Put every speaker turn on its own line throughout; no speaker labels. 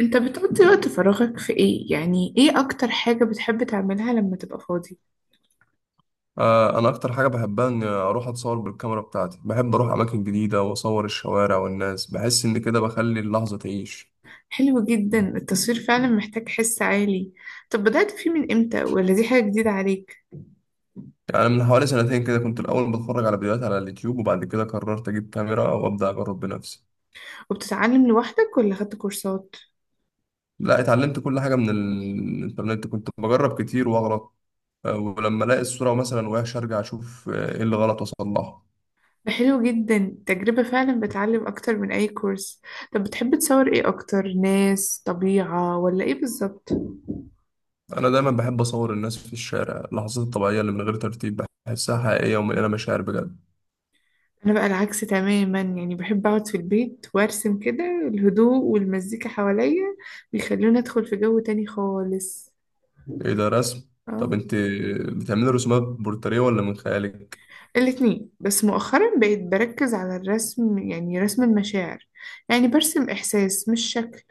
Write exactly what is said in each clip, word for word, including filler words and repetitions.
انت بتقضي وقت فراغك في ايه؟ يعني ايه اكتر حاجة بتحب تعملها لما تبقى فاضي؟
آه، انا اكتر حاجه بحبها اني اروح اتصور بالكاميرا بتاعتي. بحب اروح اماكن جديده واصور الشوارع والناس، بحس ان كده بخلي اللحظه تعيش.
حلو جدا، التصوير فعلا محتاج حس عالي. طب بدأت فيه من امتى، ولا دي حاجة جديدة عليك؟
يعني من حوالي سنتين كده كنت الاول بتفرج على فيديوهات على اليوتيوب، وبعد كده قررت اجيب كاميرا وابدا اجرب بنفسي.
وبتتعلم لوحدك ولا خدت كورسات؟
لا، اتعلمت كل حاجه من الانترنت، كنت بجرب كتير واغلط. آه، ولما الاقي الصوره مثلا وحشه ارجع اشوف آه، ايه اللي غلط واصلحه.
ده حلو جدا، تجربة فعلا بتعلم اكتر من اي كورس. طب بتحب تصور ايه اكتر؟ ناس، طبيعة، ولا ايه بالظبط؟
انا دايما بحب اصور الناس في الشارع، اللحظات الطبيعيه اللي من غير ترتيب بحسها حقيقيه ومليانه مشاعر بجد.
انا بقى العكس تماما، يعني بحب اقعد في البيت وارسم، كده الهدوء والمزيكا حواليا بيخلوني ادخل في جو تاني خالص.
ايه ده؟ رسم؟ طب
اه،
انت بتعملي رسومات بورتريه ولا من خيالك؟
الاتنين، بس مؤخرا بقيت بركز على الرسم، يعني رسم المشاعر. يعني برسم إحساس مش شكل.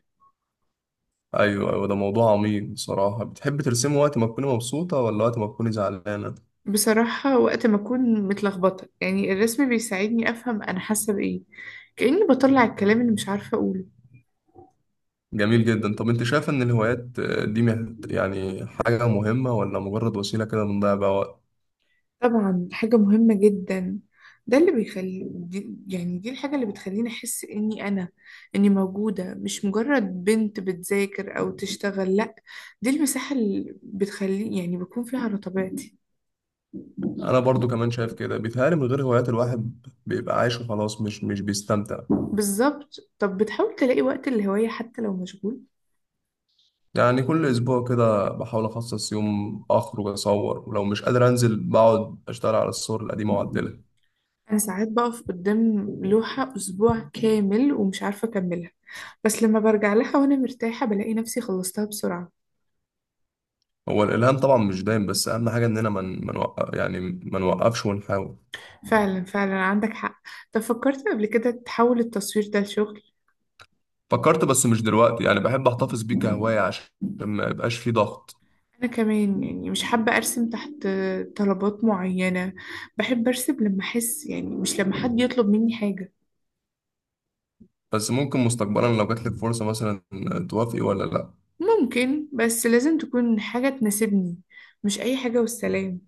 ايوه ايوه، ده موضوع عميق بصراحه. بتحب ترسمي وقت ما تكوني مبسوطه ولا وقت ما تكوني زعلانه؟
بصراحة وقت ما أكون متلخبطة، يعني الرسم بيساعدني أفهم أنا حاسة بإيه، كأني بطلع الكلام اللي مش عارفة أقوله.
جميل جدا. طب انت شايفه ان الهوايات آه، دي مه- يعني حاجه مهمه ولا مجرد وسيله كده بنضيع بيها وقت؟
طبعا حاجة مهمة جدا. ده اللي بيخلي دي يعني دي الحاجة اللي بتخليني أحس إني أنا، إني موجودة، مش مجرد بنت بتذاكر أو تشتغل. لأ، دي المساحة اللي بتخلي يعني بكون فيها على طبيعتي.
انا برضو كمان شايف كده، بيتهيألي من غير هوايات الواحد بيبقى عايش وخلاص، مش مش بيستمتع.
بالظبط. طب بتحاول تلاقي وقت الهواية حتى لو مشغول؟
يعني كل اسبوع كده بحاول اخصص يوم اخرج اصور، ولو مش قادر انزل بقعد اشتغل على الصور القديمه واعدلها.
أنا ساعات بقف قدام لوحة أسبوع كامل ومش عارفة أكملها، بس لما برجع لها وأنا مرتاحة بلاقي نفسي خلصتها بسرعة.
هو الالهام طبعا مش دايم، بس اهم حاجه اننا من من وقف، يعني ما نوقفش ونحاول.
فعلا فعلا عندك حق. طب فكرت قبل كده تحول التصوير ده لشغل؟
فكرت، بس مش دلوقتي، يعني بحب احتفظ بيه كهوايه عشان ما يبقاش فيه ضغط.
أنا كمان يعني مش حابة أرسم تحت طلبات معينة. بحب أرسم لما أحس، يعني مش لما حد يطلب مني حاجة.
بس ممكن مستقبلا لو جات لك فرصه مثلا توافقي ولا لا؟
ممكن، بس لازم تكون حاجة تناسبني، مش أي حاجة والسلام.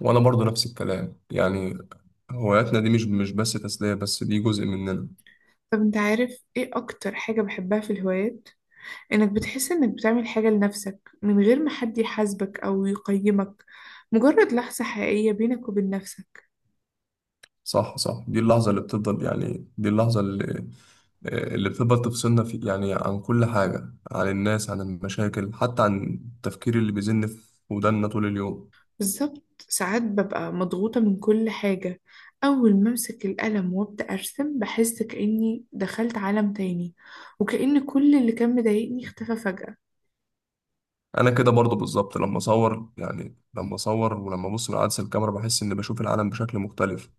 وانا برضو نفس الكلام يعني، هواياتنا دي مش مش بس تسليه، بس دي جزء مننا.
طب أنت عارف إيه أكتر حاجة بحبها في الهوايات؟ إنك بتحس إنك بتعمل حاجة لنفسك من غير ما حد يحاسبك أو يقيمك. مجرد لحظة حقيقية بينك وبين نفسك.
صح صح، دي اللحظه اللي بتفضل، يعني دي اللحظه اللي اللي بتفضل تفصلنا في، يعني عن كل حاجه، عن الناس، عن المشاكل، حتى عن التفكير اللي بيزن في ودانا طول اليوم.
بالظبط. ساعات ببقى مضغوطة من كل حاجة، أول ما أمسك القلم وأبدأ أرسم بحس كأني دخلت عالم تاني، وكأن كل اللي كان مضايقني اختفى فجأة.
انا كده برضو بالظبط، لما اصور يعني لما اصور ولما ابص من عدسه الكاميرا بحس اني بشوف العالم بشكل مختلف.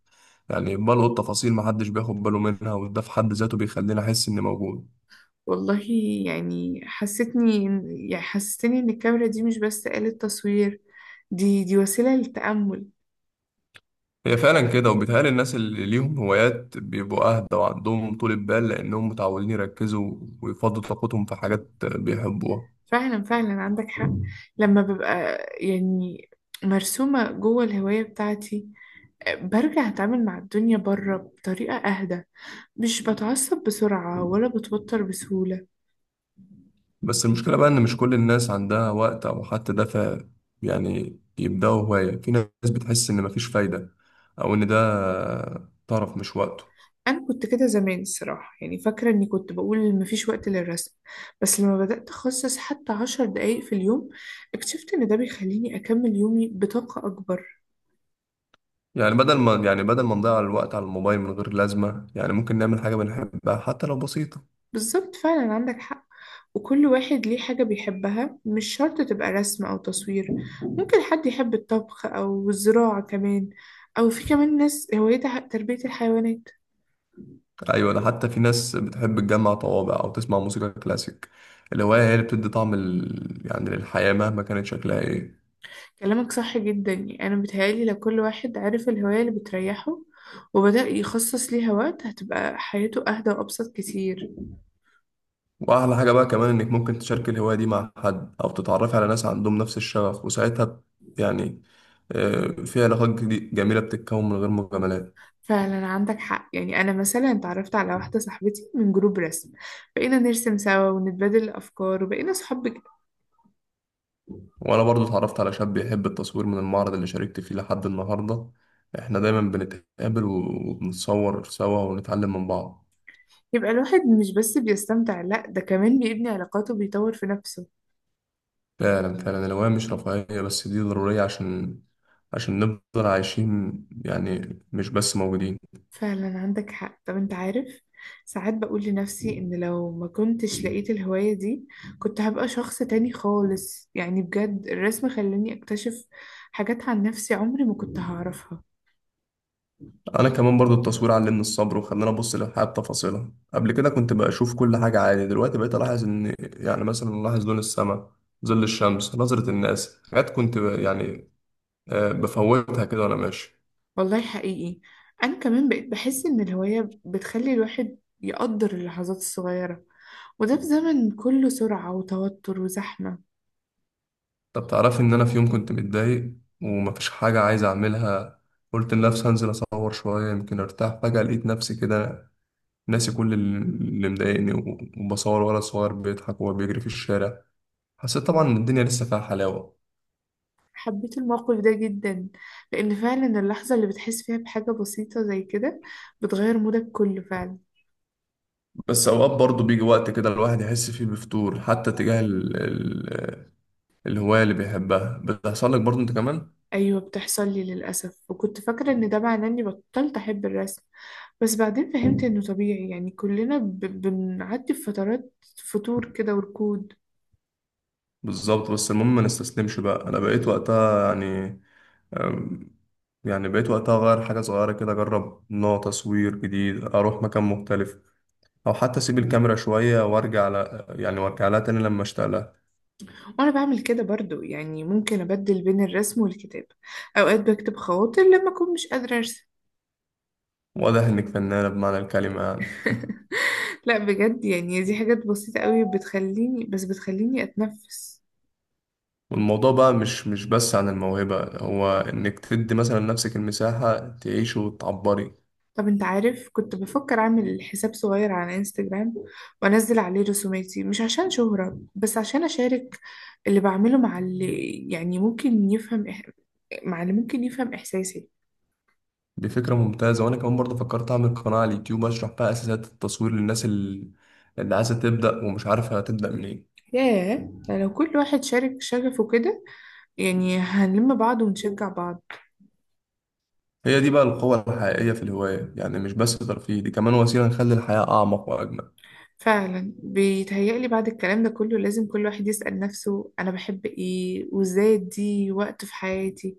يعني بلقط تفاصيل محدش بياخد باله منها، وده في حد ذاته بيخليني احس اني موجود.
والله يعني حسيتني إن- يعني حسستني ان الكاميرا دي مش بس آلة تصوير، دي دي وسيلة للتأمل.
هي فعلا كده، وبيتهيألي الناس اللي ليهم هوايات بيبقوا اهدى وعندهم طول بال، لانهم متعودين يركزوا ويفضوا طاقتهم في حاجات بيحبوها.
فعلا فعلا عندك حق. لما ببقى يعني مرسومة جوه الهواية بتاعتي، برجع أتعامل مع الدنيا بره بطريقة أهدى، مش بتعصب بسرعة ولا بتوتر بسهولة.
بس المشكله بقى ان مش كل الناس عندها وقت او حتى دافع، يعني يبداوا هوايه. في ناس بتحس ان مفيش فايده، او ان ده طرف مش وقته.
انا كنت كده زمان الصراحه، يعني فاكره اني كنت بقول مفيش وقت للرسم، بس لما بدات اخصص حتى عشر دقايق في اليوم اكتشفت ان ده بيخليني اكمل يومي بطاقه اكبر.
يعني بدل ما يعني بدل ما نضيع الوقت على الموبايل من غير لازمة، يعني ممكن نعمل حاجة بنحبها حتى لو بسيطة.
بالظبط، فعلا عندك حق. وكل واحد ليه حاجه بيحبها، مش شرط تبقى رسم او تصوير، ممكن حد يحب الطبخ او الزراعه كمان، او في كمان ناس هوايتها تربيه الحيوانات.
أيوة، ده حتى في ناس بتحب تجمع طوابع أو تسمع موسيقى كلاسيك. الهواية هي اللي بتدي طعم ال... يعني للحياة مهما كانت شكلها إيه.
كلامك صح جدا، يعني أنا بتهيألي لو كل واحد عرف الهواية اللي بتريحه وبدأ يخصص ليها وقت هتبقى حياته أهدى وأبسط كتير.
وأحلى حاجة بقى كمان إنك ممكن تشاركي الهواية دي مع حد أو تتعرفي على ناس عندهم نفس الشغف، وساعتها ب- يعني آه، في علاقات جدي- جميلة بتتكون من غير مجاملات.
فعلا عندك حق. يعني أنا مثلا اتعرفت على واحدة صاحبتي من جروب رسم، بقينا نرسم سوا ونتبادل الأفكار وبقينا صحاب بجد.
وانا برضو اتعرفت على شاب بيحب التصوير من المعرض اللي شاركت فيه لحد النهارده. احنا دايما بنتقابل وبنتصور سوا ونتعلم من بعض.
يبقى الواحد مش بس بيستمتع، لأ ده كمان بيبني علاقاته وبيطور في نفسه.
فعلا فعلا، الهواية مش رفاهية بس، دي ضرورية عشان عشان نفضل عايشين، يعني مش بس موجودين.
فعلا عندك حق. طب انت عارف، ساعات بقول لنفسي ان لو ما كنتش لقيت الهواية دي كنت هبقى شخص تاني خالص، يعني بجد الرسم خلاني اكتشف حاجات عن نفسي عمري ما كنت هعرفها.
انا كمان برضو التصوير علمني الصبر وخلاني ابص للحياة بتفاصيلها. قبل كده كنت بشوف كل حاجة عادي، دلوقتي بقيت الاحظ ان، يعني مثلا، الاحظ لون السماء، ظل الشمس، نظرة الناس، حاجات كنت ب- يعني آه، بفوتها كده وانا ماشي.
والله حقيقي. انا كمان بقيت بحس ان الهواية بتخلي الواحد يقدر اللحظات الصغيرة، وده في زمن كله سرعة وتوتر وزحمة.
طب تعرفي ان انا في يوم كنت متضايق ومفيش حاجة عايز اعملها، قلت لنفسي هنزل اصور شوية يمكن ارتاح. فجأة لقيت نفسي كده ناسي كل ال- اللي مضايقني و- وبصور ولد صغير بيضحك وهو بيجري في الشارع. حسيت طبعا ان الدنيا لسه فيها حلاوة.
حبيت الموقف ده جدا، لأن فعلا اللحظة اللي بتحس فيها بحاجة بسيطة زي كده بتغير مودك كله فعلا.
بس اوقات برضه بيجي وقت كده الواحد يحس فيه بفتور، حتى تجاه ال... ال... الهواية اللي بيحبها. بتحصل لك برضه انت كمان.
أيوة، بتحصل لي للأسف، وكنت فاكرة إن ده معناه إني بطلت أحب الرسم، بس بعدين فهمت إنه طبيعي، يعني كلنا ب... بنعدي بفترات فتور كده وركود.
بالظبط، بس المهم ما نستسلمش بقى. انا بقيت وقتها يعني يعني بقيت وقتها أغير حاجة صغيرة كده، أجرب نوع تصوير جديد، أروح مكان مختلف، أو حتى أسيب الكاميرا شوية وأرجع على يعني وأرجع لها تاني لما أشتغلها.
وأنا بعمل كده برضو، يعني ممكن أبدل بين الرسم والكتابة، أوقات بكتب خواطر لما أكون مش قادرة أرسم.
وأده إنك فنانة بمعنى الكلمة يعني.
لا بجد، يعني دي حاجات بسيطة قوي بتخليني بس بتخليني أتنفس.
والموضوع بقى مش مش بس عن الموهبة، هو إنك تدي مثلا لنفسك المساحة تعيش وتعبري.
طب انت عارف، كنت بفكر اعمل حساب صغير على انستجرام وانزل عليه رسوماتي، مش عشان شهرة بس عشان اشارك اللي بعمله مع اللي يعني ممكن يفهم إح... مع اللي ممكن يفهم إحساسي.
دي فكرة ممتازة. وأنا كمان برضه فكرت أعمل قناة على اليوتيوب أشرح بقى أساسات التصوير للناس اللي اللي عايزة تبدأ ومش عارفة هتبدأ منين.
ياه، ده لو كل واحد شارك شغفه كده، يعني هنلم بعض ونشجع بعض.
هي دي بقى القوة الحقيقية في الهواية، يعني مش بس ترفيه، دي كمان وسيلة نخلي الحياة أعمق وأجمل.
فعلا بيتهيألي بعد الكلام ده كله لازم كل واحد يسأل نفسه أنا بحب إيه وإزاي أدي وقت في حياتي.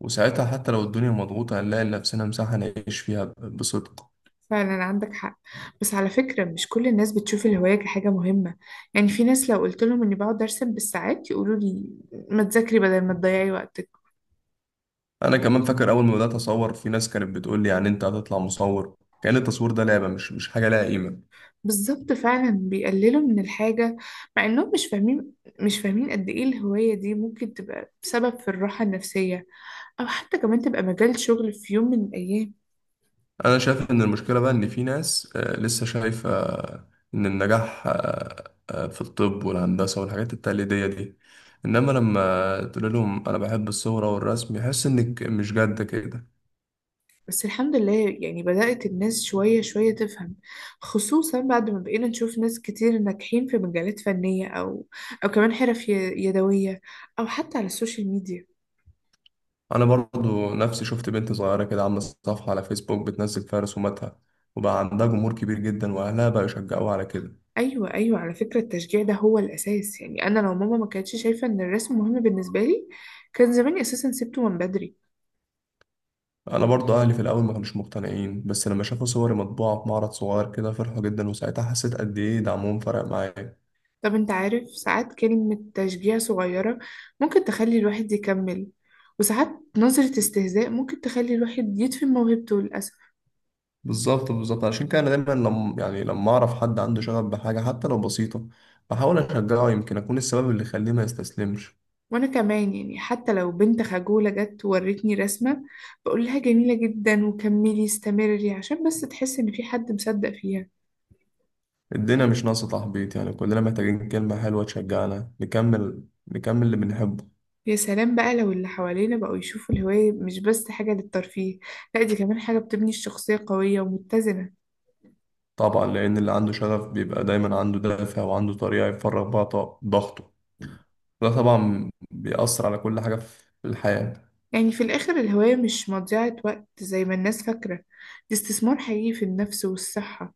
وساعتها حتى لو الدنيا مضغوطة هنلاقي لنفسنا مساحة نعيش فيها ب- بصدق.
فعلا عندك حق. بس على فكرة مش كل الناس بتشوف الهواية كحاجة مهمة، يعني في ناس لو قلت لهم إني بقعد أرسم بالساعات يقولوا لي ما تذاكري بدل ما تضيعي وقتك.
أنا كمان فاكر أول ما بدأت أصور في ناس كانت بتقول لي، يعني أنت هتطلع مصور؟ كأن التصوير ده لعبة، مش مش حاجة لها قيمة.
بالظبط، فعلا بيقللوا من الحاجة مع انهم مش فاهمين، مش فاهمين قد ايه الهواية دي ممكن تبقى سبب في الراحة النفسية، او حتى كمان تبقى مجال شغل في يوم من الايام.
أنا شايف إن المشكلة بقى إن في ناس آه، لسه شايفة آه، إن النجاح آه، آه، في الطب والهندسة والحاجات التقليدية دي، إنما لما تقول لهم أنا بحب الصورة والرسم يحس إنك مش جد كده.
بس الحمد لله يعني بدأت الناس شوية شوية تفهم، خصوصا بعد ما بقينا نشوف ناس كتير ناجحين في مجالات فنية، او او كمان حرف ي- يدوية، او حتى على السوشيال ميديا.
انا برضو نفسي شفت بنت صغيره كده عامله صفحه على فيسبوك بتنزل فيها رسوماتها، وبقى عندها جمهور كبير جدا، واهلها بقى يشجعوها على كده.
ايوه ايوه، على فكرة التشجيع ده هو الاساس، يعني انا لو ماما ما كانتش شايفة ان الرسم مهم بالنسبة لي كان زماني اساسا سبته من بدري.
انا برضو اهلي في الاول ما كانوش مقتنعين، بس لما شافوا صوري مطبوعه في معرض صغير كده فرحوا جدا، وساعتها حسيت قد ايه دعمهم فرق معايا.
طب انت عارف، ساعات كلمة تشجيع صغيرة ممكن تخلي الواحد يكمل، وساعات نظرة استهزاء ممكن تخلي الواحد يدفن موهبته للأسف.
بالظبط بالظبط، عشان كده انا دايما لما يعني لما اعرف حد عنده شغف بحاجه حتى لو بسيطه بحاول اشجعه، يمكن اكون السبب اللي يخليه ما يستسلمش.
وأنا كمان، يعني حتى لو بنت خجولة جت وورتني رسمة بقول لها جميلة جدا وكملي استمري، عشان بس تحس إن في حد مصدق فيها.
الدنيا مش ناقصه تحبيط، يعني كلنا محتاجين كلمه حلوه تشجعنا نكمل نكمل اللي بنحبه.
يا سلام بقى لو اللي حوالينا بقوا يشوفوا الهواية مش بس حاجة للترفيه، لا دي كمان حاجة بتبني الشخصية قوية ومتزنة.
طبعا، لأن اللي عنده شغف بيبقى دايما عنده دافع وعنده طريقة يفرغ بيها ط- ضغطه. ده طبعا بيأثر على كل حاجة في الحياة.
يعني في الآخر الهواية مش مضيعة وقت زي ما الناس فاكرة، دي استثمار حقيقي في النفس والصحة.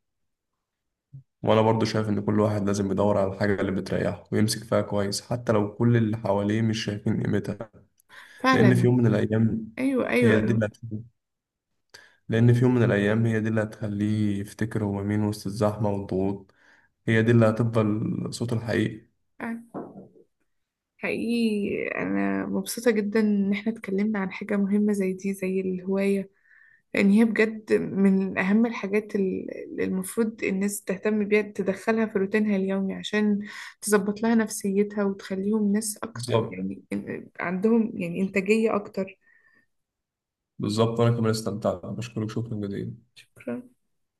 وأنا برضو شايف إن كل واحد لازم يدور على الحاجة اللي بتريحه ويمسك فيها كويس حتى لو كل اللي حواليه مش شايفين قيمتها. لأن في
فعلا.
يوم من الأيام
أيوة
هي دي
أيوة.
اللي هتخليه. لأن في يوم من الأيام هي دي اللي هتخليه يفتكر هو مين وسط الزحمة والضغوط. هي دي اللي هتفضل صوته الحقيقي.
حقيقي أنا مبسوطة جدا إن احنا اتكلمنا عن حاجة مهمة زي دي، زي الهواية، لأن هي بجد من أهم الحاجات ال- اللي المفروض الناس تهتم بيها تدخلها في روتينها اليومي عشان تظبط لها نفسيتها وتخليهم ناس أكتر،
بالظبط
يعني إن- عندهم يعني إنتاجية أكتر.
بالظبط، وأنا كمان استمتعت. بشكرك شكرا جزيلا.
شكرا.